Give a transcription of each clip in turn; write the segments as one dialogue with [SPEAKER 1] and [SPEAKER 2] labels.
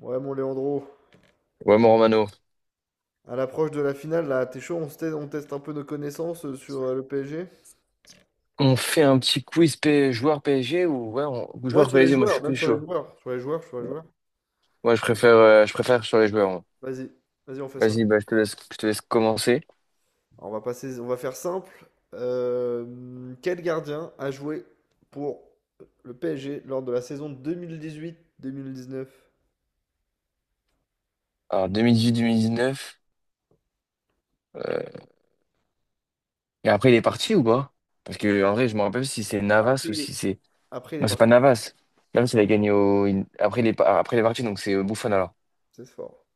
[SPEAKER 1] Ouais, mon Léandro,
[SPEAKER 2] Ouais, mon Romano,
[SPEAKER 1] à l'approche de la finale, là, t'es chaud, on teste un peu nos connaissances sur le PSG?
[SPEAKER 2] on fait un petit quiz joueur PSG ou ouais, ou
[SPEAKER 1] Ouais,
[SPEAKER 2] joueur
[SPEAKER 1] sur les
[SPEAKER 2] PSG, moi je
[SPEAKER 1] joueurs,
[SPEAKER 2] suis
[SPEAKER 1] même
[SPEAKER 2] plus
[SPEAKER 1] sur les
[SPEAKER 2] chaud.
[SPEAKER 1] joueurs. Sur les joueurs, sur les
[SPEAKER 2] Ouais.
[SPEAKER 1] joueurs.
[SPEAKER 2] Moi je préfère sur les joueurs. Moi.
[SPEAKER 1] Vas-y, vas-y, on fait ça.
[SPEAKER 2] Vas-y, bah, je te laisse commencer.
[SPEAKER 1] Alors, on va passer, on va faire simple. Quel gardien a joué pour le PSG lors de la saison 2018-2019?
[SPEAKER 2] Alors 2018-2019, euh... et après il est parti ou pas? Parce que en vrai, je me rappelle si c'est Navas ou si c'est.
[SPEAKER 1] Après, il est
[SPEAKER 2] Non, c'est pas
[SPEAKER 1] parti.
[SPEAKER 2] Navas. Navas, il a gagné au. Après, il est, pas- après, il est parti, donc c'est Buffon alors.
[SPEAKER 1] C'est fort.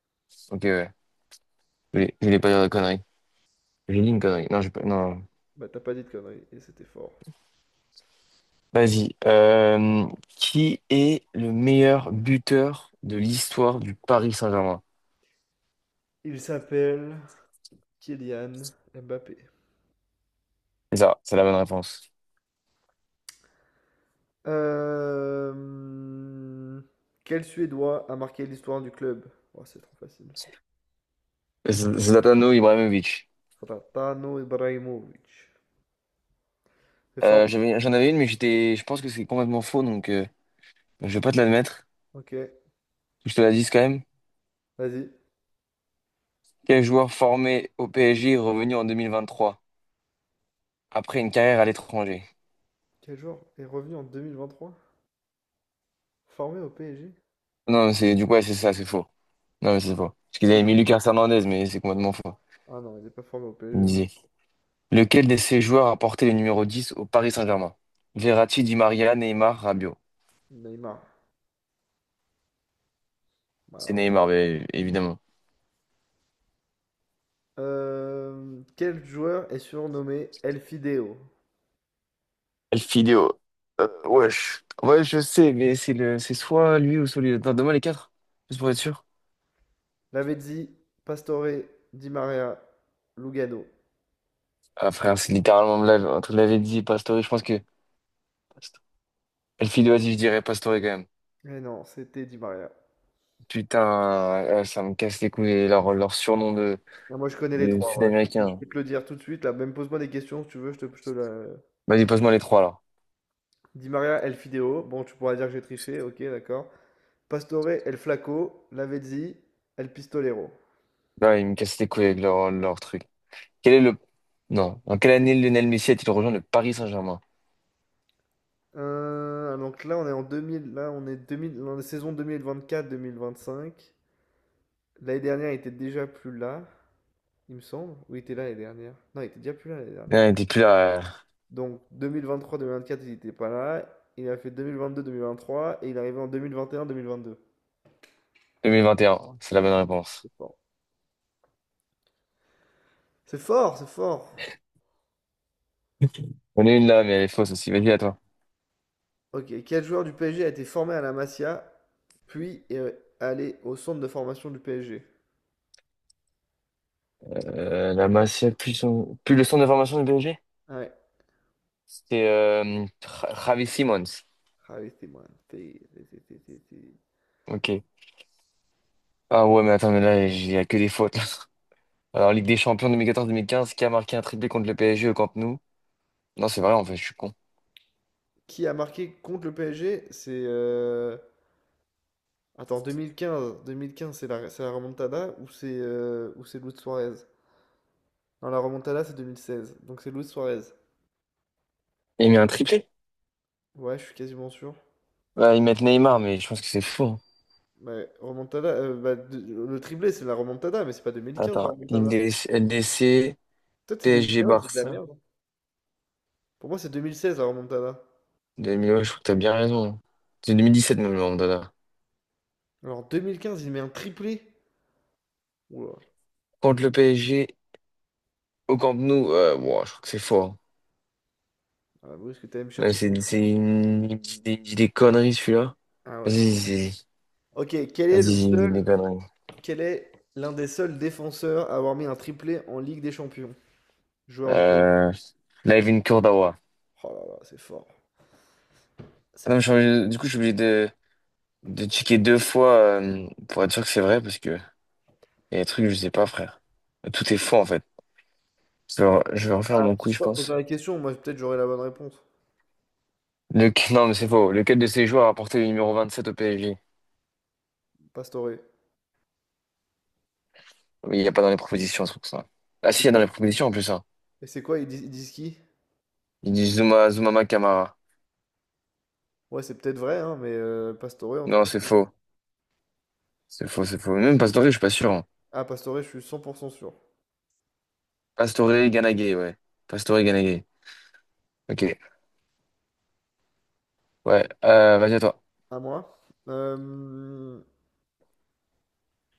[SPEAKER 2] Ok, ouais. Je voulais pas dire de conneries. J'ai dit une connerie. Non, j'ai pas... non.
[SPEAKER 1] Bah, t'as pas dit de conneries, et c'était fort.
[SPEAKER 2] Vas-y. Qui est le meilleur buteur de l'histoire du Paris Saint-Germain?
[SPEAKER 1] Il s'appelle Kylian Mbappé.
[SPEAKER 2] C'est ça, c'est la bonne réponse.
[SPEAKER 1] Euh, Quel Suédois a marqué l'histoire du club? Oh, c'est trop facile.
[SPEAKER 2] Zlatano Ibrahimovic.
[SPEAKER 1] Zlatan Ibrahimovic. C'est fort.
[SPEAKER 2] J'en avais une, mais je pense que c'est complètement faux, donc je vais pas te l'admettre.
[SPEAKER 1] Ok,
[SPEAKER 2] Je te la dis quand même.
[SPEAKER 1] vas-y.
[SPEAKER 2] Quel joueur formé au PSG est revenu en 2023 après une carrière à l'étranger?
[SPEAKER 1] Quel joueur est revenu en 2023 formé au PSG?
[SPEAKER 2] Non, c'est du coup, ouais, c'est ça, c'est faux. Non, mais c'est faux. Parce qu'ils
[SPEAKER 1] C'était
[SPEAKER 2] avaient mis
[SPEAKER 1] qui?
[SPEAKER 2] Lucas Hernandez, mais c'est complètement faux.
[SPEAKER 1] Ah non, il n'est pas formé au PSG.
[SPEAKER 2] Lequel de ces joueurs a porté le numéro 10 au Paris Saint-Germain? Verratti, Di Maria, Neymar, Rabiot.
[SPEAKER 1] Neymar. Bah,
[SPEAKER 2] C'est
[SPEAKER 1] alors,
[SPEAKER 2] Neymar, bien évidemment.
[SPEAKER 1] quel joueur est surnommé El Fideo?
[SPEAKER 2] Elfidio. Wesh. Ouais, je sais, mais c'est soit lui ou soit lui. Attends, donne-moi les quatre, juste pour être sûr.
[SPEAKER 1] Lavezzi, Pastore, Di Maria, Lugano.
[SPEAKER 2] Ah, frère, c'est littéralement entre Lavezzi et Pastore, je pense que... Elfidio, vas-y, je dirais Pastore quand même.
[SPEAKER 1] Eh non, c'était Di Maria.
[SPEAKER 2] Putain, ça me casse les couilles, leur surnom
[SPEAKER 1] Ah, moi, je connais les
[SPEAKER 2] de
[SPEAKER 1] trois, voilà. Je peux, te je
[SPEAKER 2] Sud-Américain.
[SPEAKER 1] peux te le dire tout de suite. Là, même pose-moi des questions si tu veux. Je te la.
[SPEAKER 2] Vas-y, passe-moi les trois, là.
[SPEAKER 1] Di Maria, El Fideo. Bon, tu pourras dire que j'ai triché. Ok, d'accord. Pastore, El Flaco, Lavezzi, El Pistolero.
[SPEAKER 2] Là, ils me cassent les couilles avec leur truc. Quel est le... Non. En quelle année Lionel Messi a-t-il rejoint le Paris Saint-Germain?
[SPEAKER 1] Donc là, on est en 2000. Là, on est 2000, dans la saison 2024-2025. L'année dernière, il était déjà plus là, il me semble. Ou il était là l'année dernière? Non, il était déjà plus là l'année dernière.
[SPEAKER 2] Ah, il était plus là.
[SPEAKER 1] Donc 2023-2024, il n'était pas là. Il a fait 2022-2023 et il est arrivé en 2021-2022.
[SPEAKER 2] 2021, c'est la bonne réponse.
[SPEAKER 1] C'est fort. C'est fort, c'est fort.
[SPEAKER 2] On ai une là, mais elle est fausse aussi. Vas-y, à toi.
[SPEAKER 1] Ok, quel joueur du PSG a été formé à la Masia, puis est allé au centre de formation du PSG?
[SPEAKER 2] La Masia, plus, plus le centre de formation du PSG?
[SPEAKER 1] Ouais.
[SPEAKER 2] C'est Travis Simons.
[SPEAKER 1] Ah oui, c'était t'es.
[SPEAKER 2] Ok. Ah ouais, mais attends, mais là, il n'y a que des fautes. Là. Alors, Ligue des Champions 2014-2015, qui a marqué un triplé contre le PSG au Camp Nou? Non, c'est vrai, en fait, je suis con.
[SPEAKER 1] Qui a marqué contre le PSG? C'est, attends, 2015. 2015, c'est la remontada ou c'est Luis Suarez? Non, la remontada c'est 2016. Donc c'est Luis Suarez.
[SPEAKER 2] Il met un triplé?
[SPEAKER 1] Ouais, je suis quasiment sûr.
[SPEAKER 2] Ouais, ils mettent Neymar, mais je pense que c'est faux.
[SPEAKER 1] Ouais, remontada, bah, le triplé c'est la remontada, mais c'est pas 2015 la
[SPEAKER 2] Attends,
[SPEAKER 1] remontada.
[SPEAKER 2] LDC,
[SPEAKER 1] Peut-être c'est
[SPEAKER 2] PSG,
[SPEAKER 1] 2015, je dis de la
[SPEAKER 2] Barça.
[SPEAKER 1] merde. Pour moi, c'est 2016 la remontada.
[SPEAKER 2] 2000, ouais, je crois que t'as bien raison. C'est 2017 même, le Mandanda.
[SPEAKER 1] Alors, en 2015, il met un triplé. Oula.
[SPEAKER 2] Contre le PSG, au Camp Nou, wow, je crois que c'est fort. Hein.
[SPEAKER 1] Ah, Bruce, que t'allais me
[SPEAKER 2] Ouais,
[SPEAKER 1] chercher.
[SPEAKER 2] il me il me dit des conneries, celui-là.
[SPEAKER 1] Ah ouais.
[SPEAKER 2] Vas-y, vas-y,
[SPEAKER 1] Ok,
[SPEAKER 2] Vas-y, il me dit des conneries.
[SPEAKER 1] quel est l'un des seuls défenseurs à avoir mis un triplé en Ligue des Champions? Joueur du PSG.
[SPEAKER 2] Euh... Live in Kurdawa.
[SPEAKER 1] Oh là là, c'est fort.
[SPEAKER 2] Ah
[SPEAKER 1] C'est
[SPEAKER 2] non,
[SPEAKER 1] fort.
[SPEAKER 2] du coup, je suis obligé de checker deux fois pour être sûr que c'est vrai, parce que il y a des trucs que je sais pas, frère. Tout est faux, en fait. Je vais refaire
[SPEAKER 1] Ah,
[SPEAKER 2] mon
[SPEAKER 1] je
[SPEAKER 2] coup,
[SPEAKER 1] sais
[SPEAKER 2] je
[SPEAKER 1] pas poser
[SPEAKER 2] pense.
[SPEAKER 1] la question, moi peut-être j'aurai la bonne réponse.
[SPEAKER 2] Non, mais c'est faux. Lequel de ces joueurs a porté le numéro 27 au PSG?
[SPEAKER 1] Pastore.
[SPEAKER 2] Mais il n'y a pas dans les propositions, ce truc, ça. Ah
[SPEAKER 1] C'est
[SPEAKER 2] si, il y a dans
[SPEAKER 1] quoi?
[SPEAKER 2] les propositions en plus, hein.
[SPEAKER 1] Et c'est quoi? Ils disent qui?
[SPEAKER 2] Il dit Zoumama Kamara.
[SPEAKER 1] Ouais, c'est peut-être vrai, hein, mais Pastore en tout
[SPEAKER 2] Non,
[SPEAKER 1] cas.
[SPEAKER 2] c'est faux. C'est faux. Même Pastore, je suis pas sûr. Hein.
[SPEAKER 1] Ah, Pastore, je suis 100% sûr.
[SPEAKER 2] Pastore Ganagay, ouais. Pastore Ganagay. Ok. Ouais. Vas-y à toi.
[SPEAKER 1] À moi.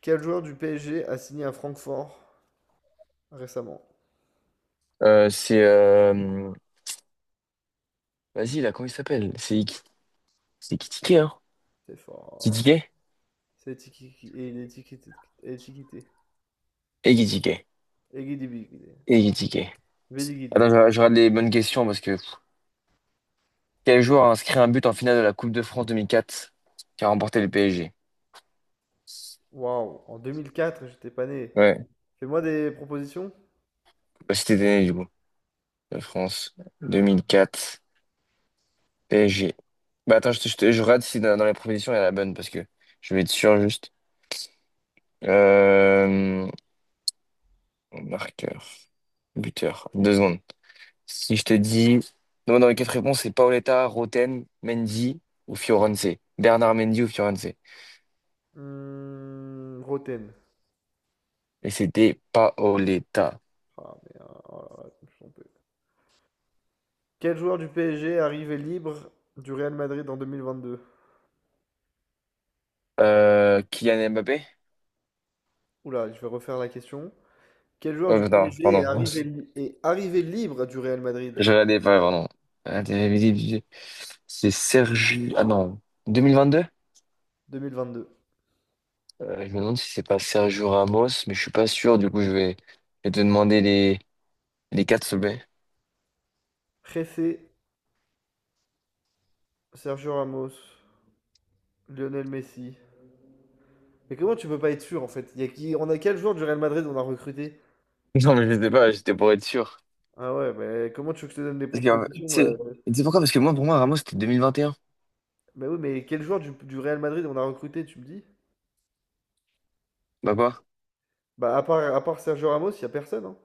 [SPEAKER 1] Quel joueur du PSG a signé à Francfort récemment.
[SPEAKER 2] C'est Vas-y là, comment il s'appelle? C'est Kitike, hein?
[SPEAKER 1] C'est fort.
[SPEAKER 2] Kitike?
[SPEAKER 1] C'est étiqueté. Étiqueté. Étiqueté.
[SPEAKER 2] Et Kitike.
[SPEAKER 1] Éguidibiguidé.
[SPEAKER 2] Et Kitike. Attends,
[SPEAKER 1] Bédiguidé.
[SPEAKER 2] je regarde les bonnes questions parce que quel joueur a inscrit un but en finale de la Coupe de France 2004 qui a remporté le PSG?
[SPEAKER 1] Waouh, en 2004, j'étais pas né.
[SPEAKER 2] Ouais.
[SPEAKER 1] Fais-moi des propositions.
[SPEAKER 2] Bah, c'était né du coup. De France
[SPEAKER 1] Ouais.
[SPEAKER 2] 2004. PSG. Bah attends, je regarde si dans les propositions il y a la bonne parce que je vais être sûr juste. Euh, marqueur, Buteur, deux secondes. Si je te dis. Non, dans les quatre réponses, c'est Paoletta, Roten, Mendy ou Fiorenze. Bernard Mendy ou Fiorenze.
[SPEAKER 1] Hmm, Roten.
[SPEAKER 2] Et c'était Paoletta.
[SPEAKER 1] Ah, mais, ah, oh là là, je me suis trompé. Quel joueur du PSG est arrivé libre du Real Madrid en 2022?
[SPEAKER 2] Kylian Mbappé?
[SPEAKER 1] Oula, je vais refaire la question. Quel joueur
[SPEAKER 2] Oh,
[SPEAKER 1] du
[SPEAKER 2] non,
[SPEAKER 1] PSG est
[SPEAKER 2] pardon.
[SPEAKER 1] arrivé, li- est arrivé libre du Real Madrid
[SPEAKER 2] Je regardais pas, pardon. Ah, t'avais C'est Sergi. Ah non. 2022?
[SPEAKER 1] 2022?
[SPEAKER 2] Je me demande si c'est pas Sergio Ramos, mais je suis pas sûr. Du coup, je vais te demander les quatre sommets.
[SPEAKER 1] Pressé, Sergio Ramos, Lionel Messi. Mais comment tu peux pas être sûr en fait. Il y a qui? On a quel joueur du Real Madrid on a recruté?
[SPEAKER 2] Non, mais je sais pas, j'étais pour être sûr.
[SPEAKER 1] Ah ouais, mais comment tu veux que je te donne des
[SPEAKER 2] Parce que,
[SPEAKER 1] propositions,
[SPEAKER 2] tu sais pourquoi? Parce que moi, pour moi, Ramos, c'était 2021.
[SPEAKER 1] Bah oui, mais quel joueur du Real Madrid on a recruté, tu me dis?
[SPEAKER 2] Bah quoi?
[SPEAKER 1] Bah, à part Sergio Ramos, il y a personne, hein.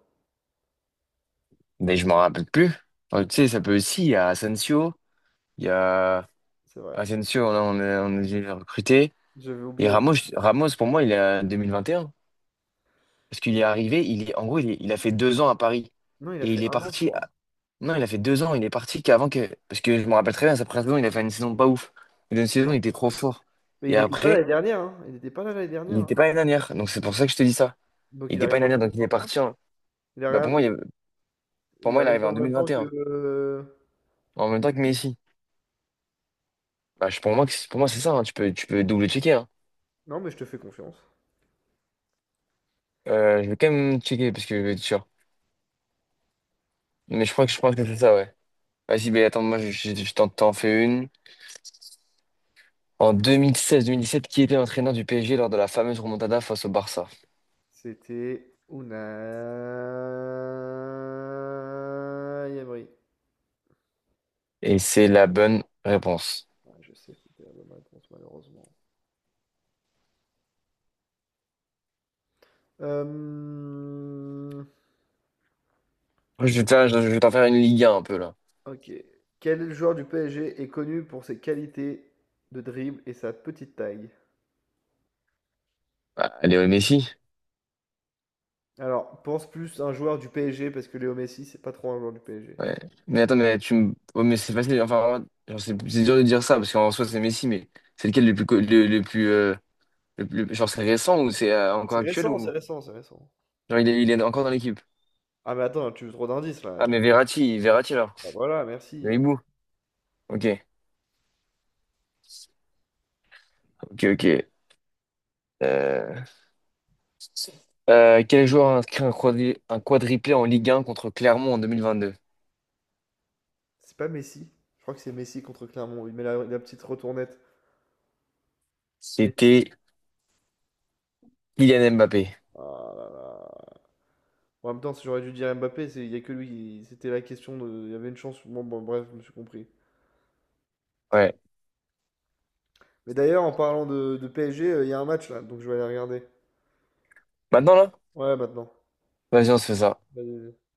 [SPEAKER 2] Mais je m'en rappelle plus. Tu sais, ça peut aussi. Il y a Asensio, il y a
[SPEAKER 1] C'est vrai.
[SPEAKER 2] Asensio, on a dû le recruter.
[SPEAKER 1] J'avais oublié.
[SPEAKER 2] Et
[SPEAKER 1] Asensio.
[SPEAKER 2] Ramos, pour moi, il est à 2021. Parce qu'il est arrivé, en gros, il a fait deux ans à Paris.
[SPEAKER 1] Non, il a
[SPEAKER 2] Et
[SPEAKER 1] fait
[SPEAKER 2] il est
[SPEAKER 1] un an, je
[SPEAKER 2] parti
[SPEAKER 1] crois.
[SPEAKER 2] Non, il a fait deux ans, il est parti qu'avant que. Parce que je me rappelle très bien, sa première saison, il a fait une saison pas ouf. Mais une saison, il
[SPEAKER 1] D'accord.
[SPEAKER 2] était trop fort.
[SPEAKER 1] Mais il
[SPEAKER 2] Et
[SPEAKER 1] n'était pas là
[SPEAKER 2] après,
[SPEAKER 1] l'année dernière, hein. Il n'était pas là l'année
[SPEAKER 2] il
[SPEAKER 1] dernière, hein.
[SPEAKER 2] n'était pas une dernière. Donc c'est pour ça que je te dis ça.
[SPEAKER 1] Donc
[SPEAKER 2] Il
[SPEAKER 1] il
[SPEAKER 2] n'était pas
[SPEAKER 1] arrive
[SPEAKER 2] une
[SPEAKER 1] en
[SPEAKER 2] dernière, donc il est
[SPEAKER 1] 2021.
[SPEAKER 2] parti.
[SPEAKER 1] Il
[SPEAKER 2] Bah, pour
[SPEAKER 1] arrive,
[SPEAKER 2] moi, il... pour
[SPEAKER 1] il
[SPEAKER 2] moi, il est
[SPEAKER 1] arrive
[SPEAKER 2] arrivé en
[SPEAKER 1] en
[SPEAKER 2] deux
[SPEAKER 1] même
[SPEAKER 2] mille
[SPEAKER 1] temps
[SPEAKER 2] vingt et
[SPEAKER 1] que.
[SPEAKER 2] un, en même temps que Messi. Pour moi, pour moi c'est ça. Hein. Tu peux double-checker. Hein.
[SPEAKER 1] Non, mais je te fais confiance.
[SPEAKER 2] Je vais quand même checker parce que je vais être sûr. Mais je pense que c'est ça, ouais. Vas-y, mais attends, moi, je t'en fais une. En deux mille seize-deux mille seize, dix-sept, qui était l'entraîneur du PSG lors de la fameuse remontada face au Barça?
[SPEAKER 1] C'était Unai Emery.
[SPEAKER 2] Et c'est la bonne réponse.
[SPEAKER 1] Ouais, je sais que c'était la bonne réponse, malheureusement. Euh,
[SPEAKER 2] Je vais te faire, je vais t'en faire une Ligue 1 un peu là.
[SPEAKER 1] Ok. Quel joueur du PSG est connu pour ses qualités de dribble et sa petite taille?
[SPEAKER 2] Ah, Léo Messi.
[SPEAKER 1] Alors, pense plus un joueur du PSG parce que Léo Messi, c'est pas trop un joueur du PSG.
[SPEAKER 2] Ouais. Mais attends, mais tu me. Ouais, mais c'est facile. Enfin, genre, c'est dur de dire ça parce qu'en soi c'est Messi, mais c'est lequel le plus le plus le genre c'est récent ou c'est encore
[SPEAKER 1] C'est
[SPEAKER 2] actuel
[SPEAKER 1] récent, c'est
[SPEAKER 2] ou
[SPEAKER 1] récent, c'est récent.
[SPEAKER 2] genre il est encore dans l'équipe.
[SPEAKER 1] Ah, mais attends, tu veux trop d'indices
[SPEAKER 2] Ah
[SPEAKER 1] là.
[SPEAKER 2] mais Verratti alors.
[SPEAKER 1] Bah voilà, merci.
[SPEAKER 2] Le hibou. Ok, ok. Euh, Quel joueur a inscrit un quadriplé en Ligue 1 contre Clermont en 2022?
[SPEAKER 1] C'est pas Messi. Je crois que c'est Messi contre Clermont. Il met la petite retournette. Mais.
[SPEAKER 2] C'était Kylian Mbappé.
[SPEAKER 1] Ah là là. Bon, en même temps, si j'aurais dû dire Mbappé, il y a que lui. C'était la question de. Il y avait une chance. Bon, bon, bref, je me suis compris.
[SPEAKER 2] Ouais.
[SPEAKER 1] Mais d'ailleurs, en parlant de PSG, il y a un match là, donc je vais aller regarder.
[SPEAKER 2] Maintenant là?
[SPEAKER 1] Ouais, maintenant.
[SPEAKER 2] Vas-y, on se fait ça.
[SPEAKER 1] Vas-y, vas-y.